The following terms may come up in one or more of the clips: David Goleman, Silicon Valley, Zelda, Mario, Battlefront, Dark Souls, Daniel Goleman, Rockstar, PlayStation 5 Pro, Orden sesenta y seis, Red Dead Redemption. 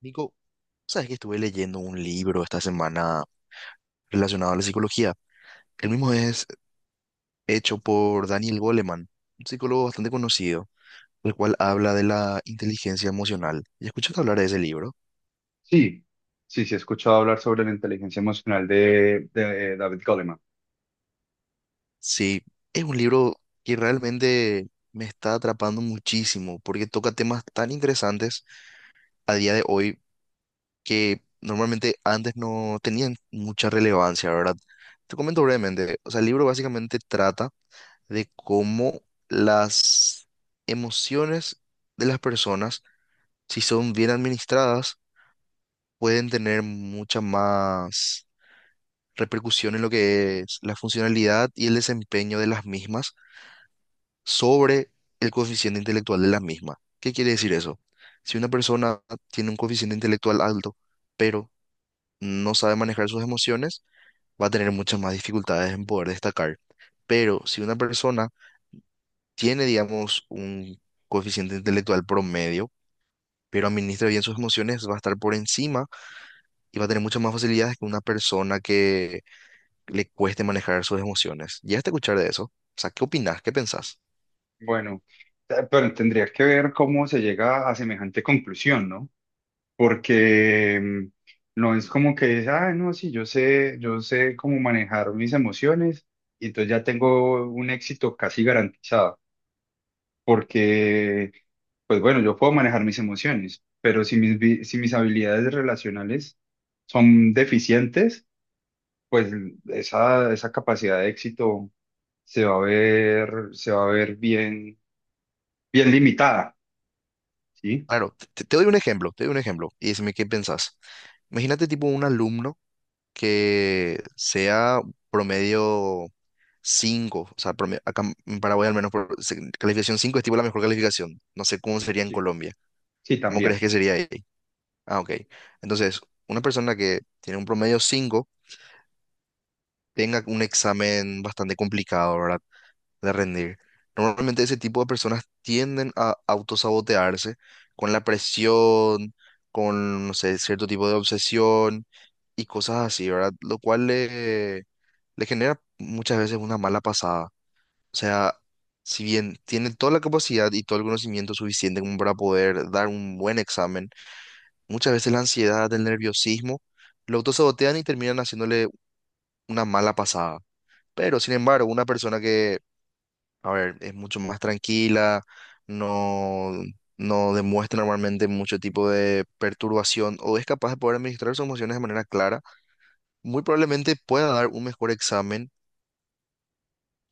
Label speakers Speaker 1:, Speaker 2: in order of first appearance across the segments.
Speaker 1: Nico, ¿sabes que estuve leyendo un libro esta semana relacionado a la psicología? El mismo es hecho por Daniel Goleman, un psicólogo bastante conocido, el cual habla de la inteligencia emocional. ¿Y escuchaste hablar de ese libro?
Speaker 2: Sí, sí, sí, he escuchado hablar sobre la inteligencia emocional de David Goleman.
Speaker 1: Sí, es un libro que realmente me está atrapando muchísimo porque toca temas tan interesantes a día de hoy que normalmente antes no tenían mucha relevancia, ¿verdad? Te comento brevemente, o sea, el libro básicamente trata de cómo las emociones de las personas, si son bien administradas, pueden tener mucha más repercusión en lo que es la funcionalidad y el desempeño de las mismas sobre el coeficiente intelectual de las mismas. ¿Qué quiere decir eso? Si una persona tiene un coeficiente intelectual alto, pero no sabe manejar sus emociones, va a tener muchas más dificultades en poder destacar. Pero si una persona tiene, digamos, un coeficiente intelectual promedio, pero administra bien sus emociones, va a estar por encima y va a tener muchas más facilidades que una persona que le cueste manejar sus emociones. ¿Llegaste a escuchar de eso? O sea, ¿qué opinás? ¿Qué pensás?
Speaker 2: Bueno, pero tendría que ver cómo se llega a semejante conclusión, ¿no? Porque no es como que, ah, no, sí, yo sé cómo manejar mis emociones y entonces ya tengo un éxito casi garantizado, porque, pues bueno, yo puedo manejar mis emociones, pero si mis habilidades relacionales son deficientes, pues esa capacidad de éxito se va a ver bien, bien limitada, ¿sí?
Speaker 1: Claro, te doy un ejemplo, te doy un ejemplo y decime qué pensás. Imagínate tipo un alumno que sea promedio 5, o sea, promedio- acá en Paraguay al menos por- se- calificación 5 es tipo la mejor calificación. No sé cómo sería en
Speaker 2: Sí.
Speaker 1: Colombia.
Speaker 2: Sí,
Speaker 1: ¿Cómo crees
Speaker 2: también,
Speaker 1: que sería ahí? Ah, ok. Entonces, una persona que tiene un promedio 5 tenga un examen bastante complicado, ¿verdad? De rendir. Normalmente ese tipo de personas tienden a autosabotearse con la presión, con, no sé, cierto tipo de obsesión y cosas así, ¿verdad? Lo cual le genera muchas veces una mala pasada. O sea, si bien tiene toda la capacidad y todo el conocimiento suficiente como para poder dar un buen examen, muchas veces la ansiedad, el nerviosismo, lo autosabotean y terminan haciéndole una mala pasada. Pero, sin embargo, una persona que, a ver, es mucho más tranquila, no, no demuestra normalmente mucho tipo de perturbación o es capaz de poder administrar sus emociones de manera clara, muy probablemente pueda dar un mejor examen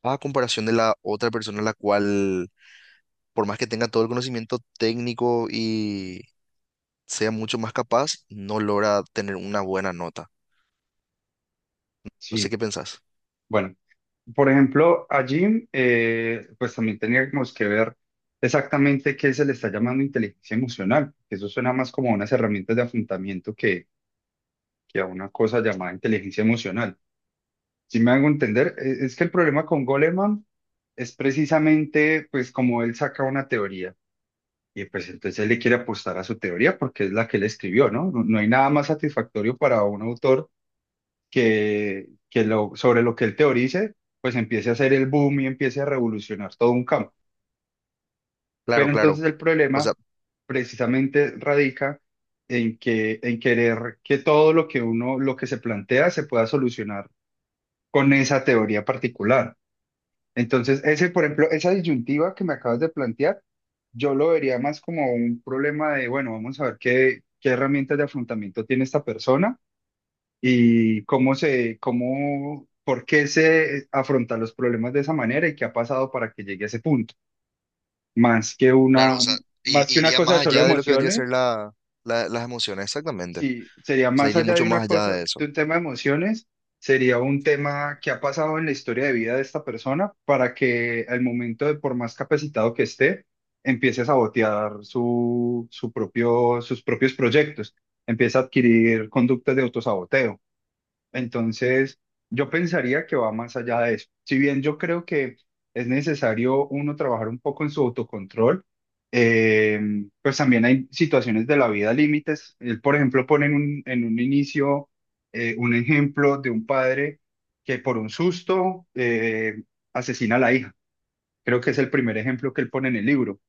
Speaker 1: a comparación de la otra persona, la cual, por más que tenga todo el conocimiento técnico y sea mucho más capaz, no logra tener una buena nota. No sé
Speaker 2: sí.
Speaker 1: qué pensás.
Speaker 2: Bueno, por ejemplo, allí, pues también teníamos que ver exactamente qué se le está llamando inteligencia emocional, que eso suena más como a unas herramientas de afrontamiento que a una cosa llamada inteligencia emocional. Si me hago entender. Es que el problema con Goleman es precisamente, pues, como él saca una teoría. Y pues entonces él le quiere apostar a su teoría porque es la que él escribió, ¿no? No, no hay nada más satisfactorio para un autor que sobre lo que él teorice, pues empiece a hacer el boom y empiece a revolucionar todo un campo.
Speaker 1: Claro,
Speaker 2: Pero entonces
Speaker 1: claro.
Speaker 2: el
Speaker 1: O sea,
Speaker 2: problema precisamente radica en querer que todo lo que se plantea se pueda solucionar con esa teoría particular. Entonces, ese, por ejemplo, esa disyuntiva que me acabas de plantear, yo lo vería más como un problema de, bueno, vamos a ver qué herramientas de afrontamiento tiene esta persona y por qué se afronta los problemas de esa manera y qué ha pasado para que llegue a ese punto. Más que
Speaker 1: claro, o
Speaker 2: una,
Speaker 1: sea, i-
Speaker 2: más que una
Speaker 1: iría
Speaker 2: cosa
Speaker 1: más
Speaker 2: de solo
Speaker 1: allá de lo que vendría a
Speaker 2: emociones.
Speaker 1: ser la, las emociones, exactamente.
Speaker 2: Sí, sería
Speaker 1: O sea,
Speaker 2: más
Speaker 1: iría
Speaker 2: allá de
Speaker 1: mucho más
Speaker 2: una
Speaker 1: allá
Speaker 2: cosa,
Speaker 1: de
Speaker 2: de
Speaker 1: eso.
Speaker 2: un tema de emociones, sería un tema que ha pasado en la historia de vida de esta persona para que al momento de, por más capacitado que esté, empiece a sabotear sus propios proyectos, empiece a adquirir conductas de autosaboteo. Entonces, yo pensaría que va más allá de eso. Si bien yo creo que es necesario uno trabajar un poco en su autocontrol, eh, pues también hay situaciones de la vida límites. Él, por ejemplo, pone en un inicio un ejemplo de un padre que por un susto asesina a la hija. Creo que es el primer ejemplo que él pone en el libro.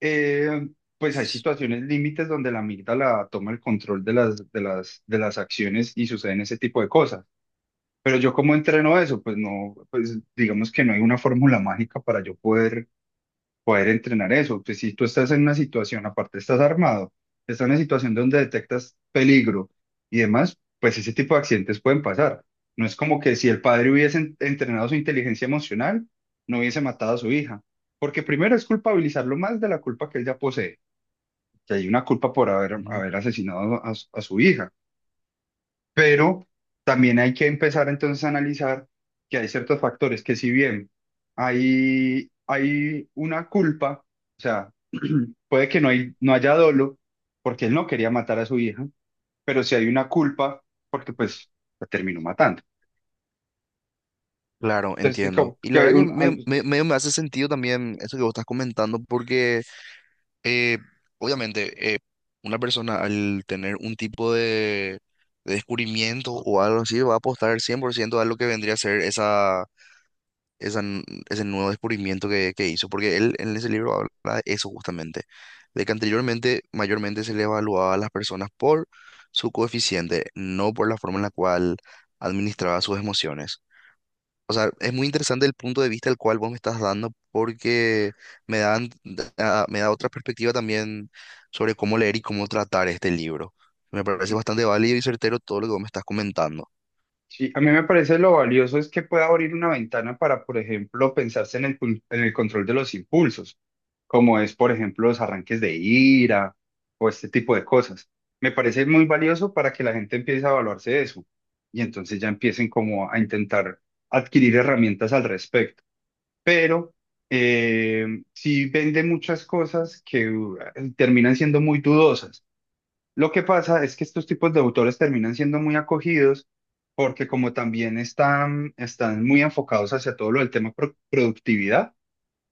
Speaker 2: Eh, pues hay situaciones límites donde la amígdala toma el control de las acciones y suceden ese tipo de cosas. Pero yo cómo entreno eso, pues no, pues digamos que no hay una fórmula mágica para yo poder entrenar eso. Pues si tú estás en una situación, aparte estás armado, estás en una situación donde detectas peligro y demás, pues ese tipo de accidentes pueden pasar. No es como que si el padre hubiese entrenado su inteligencia emocional, no hubiese matado a su hija. Porque primero es culpabilizarlo más de la culpa que él ya posee, que hay una culpa por haber,
Speaker 1: Ujú.
Speaker 2: haber asesinado a su hija. Pero también hay que empezar entonces a analizar que hay ciertos factores que si bien hay una culpa, o sea, puede que no haya dolo porque él no quería matar a su hija, pero si hay una culpa porque pues la terminó matando.
Speaker 1: Claro,
Speaker 2: Entonces,
Speaker 1: entiendo.
Speaker 2: como
Speaker 1: Y la
Speaker 2: que
Speaker 1: verdad que medio me hace sentido también eso que vos estás comentando, porque eh, obviamente, una persona al tener un tipo de descubrimiento o algo así va a apostar 100% a lo que vendría a ser esa, esa n- ese nuevo descubrimiento que hizo, porque él en ese libro habla de eso justamente, de que anteriormente mayormente se le evaluaba a las personas por su coeficiente, no por la forma en la cual administraba sus emociones. O sea, es muy interesante el punto de vista al cual vos me estás dando porque me da otra perspectiva también sobre cómo leer y cómo tratar este libro. Me parece bastante válido y certero todo lo que vos me estás comentando.
Speaker 2: Sí, a mí me parece lo valioso es que pueda abrir una ventana para, por ejemplo, pensarse en el control de los impulsos, como es, por ejemplo, los arranques de ira o este tipo de cosas. Me parece muy valioso para que la gente empiece a evaluarse de eso y entonces ya empiecen como a intentar adquirir herramientas al respecto. Pero sí vende muchas cosas que terminan siendo muy dudosas. Lo que pasa es que estos tipos de autores terminan siendo muy acogidos porque como también están muy enfocados hacia todo lo del tema productividad,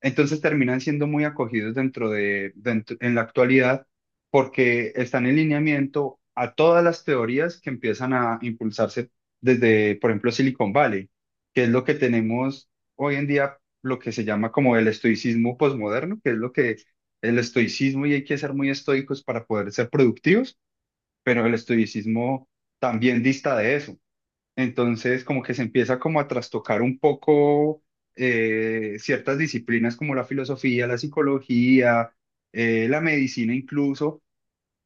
Speaker 2: entonces terminan siendo muy acogidos en la actualidad porque están en lineamiento a todas las teorías que empiezan a impulsarse desde, por ejemplo, Silicon Valley, que es lo que tenemos hoy en día, lo que se llama como el estoicismo posmoderno, que es lo que el estoicismo, y hay que ser muy estoicos para poder ser productivos, pero el estoicismo también dista de eso. Entonces, como que se empieza como a trastocar un poco ciertas disciplinas como la filosofía, la psicología, la medicina incluso,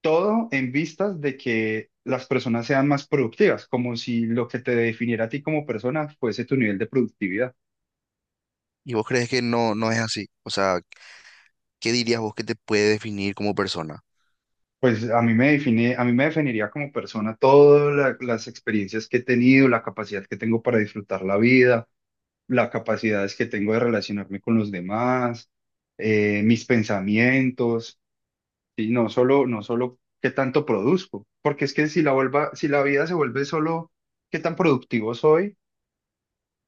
Speaker 2: todo en vistas de que las personas sean más productivas, como si lo que te definiera a ti como persona fuese tu nivel de productividad.
Speaker 1: ¿Y vos crees que no es así? O sea, ¿qué dirías vos que te puede definir como persona?
Speaker 2: Pues a mí me definiría como persona todas las experiencias que he tenido, la capacidad que tengo para disfrutar la vida, las capacidades que tengo de relacionarme con los demás, mis pensamientos, y no solo qué tanto produzco, porque es que si la vida se vuelve solo qué tan productivo soy,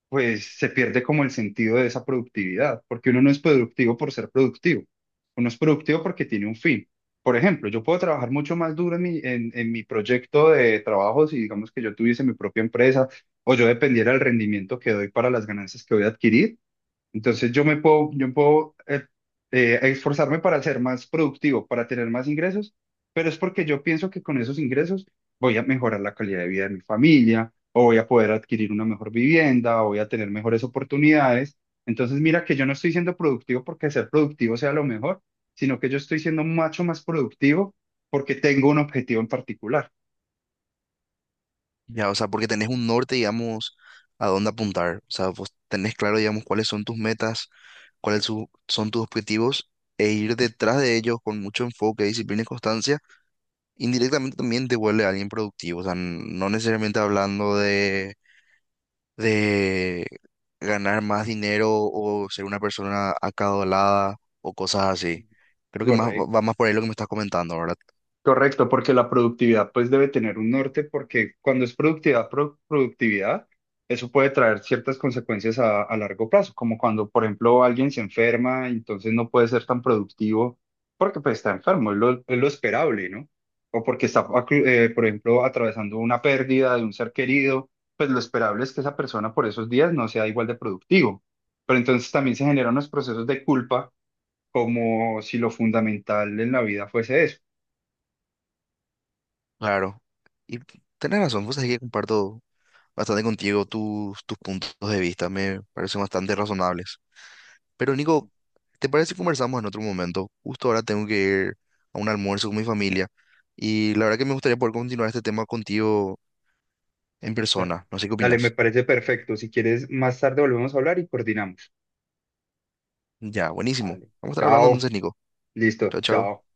Speaker 2: pues se pierde como el sentido de esa productividad, porque uno no es productivo por ser productivo, uno es productivo porque tiene un fin. Por ejemplo, yo puedo trabajar mucho más duro en en mi proyecto de trabajo si digamos que yo tuviese mi propia empresa o yo dependiera del rendimiento que doy para las ganancias que voy a adquirir, entonces yo puedo esforzarme para ser más productivo, para tener más ingresos, pero es porque yo pienso que con esos ingresos voy a mejorar la calidad de vida de mi familia, o voy a poder adquirir una mejor vivienda, o voy a tener mejores oportunidades. Entonces mira que yo no estoy siendo productivo porque ser productivo sea lo mejor, sino que yo estoy siendo mucho más productivo porque tengo un objetivo en particular.
Speaker 1: Ya, o sea, porque tenés un norte, digamos, a dónde apuntar. O sea, vos tenés claro, digamos, cuáles son tus metas, son tus objetivos, e ir detrás de ellos con mucho enfoque, disciplina y constancia, indirectamente también te vuelve alguien productivo. O sea, no necesariamente hablando de ganar más dinero o ser una persona acaudalada o cosas así. Creo que más va
Speaker 2: Correcto.
Speaker 1: va más por ahí lo que me estás comentando, ¿verdad?
Speaker 2: Correcto, porque la productividad pues debe tener un norte, porque cuando es productividad, productividad, eso puede traer ciertas consecuencias a largo plazo, como cuando, por ejemplo, alguien se enferma, entonces no puede ser tan productivo porque pues está enfermo, es lo esperable, ¿no? O porque está, por ejemplo, atravesando una pérdida de un ser querido, pues lo esperable es que esa persona por esos días no sea igual de productivo. Pero entonces también se generan unos procesos de culpa, como si lo fundamental en la vida fuese eso.
Speaker 1: Claro. Y tenés razón, vos sabés que comparto bastante contigo tus puntos de vista, me parecen bastante razonables. Pero Nico, ¿te parece si conversamos en otro momento? Justo ahora tengo que ir a un almuerzo con mi familia y la verdad que me gustaría poder continuar este tema contigo en
Speaker 2: Da-
Speaker 1: persona. No sé qué
Speaker 2: Dale, me
Speaker 1: opinas.
Speaker 2: parece perfecto. Si quieres, más tarde volvemos a hablar y coordinamos.
Speaker 1: Ya, buenísimo.
Speaker 2: Vale.
Speaker 1: Vamos a estar hablando
Speaker 2: Chao.
Speaker 1: entonces, Nico.
Speaker 2: Listo.
Speaker 1: Chao, chao.
Speaker 2: Chao.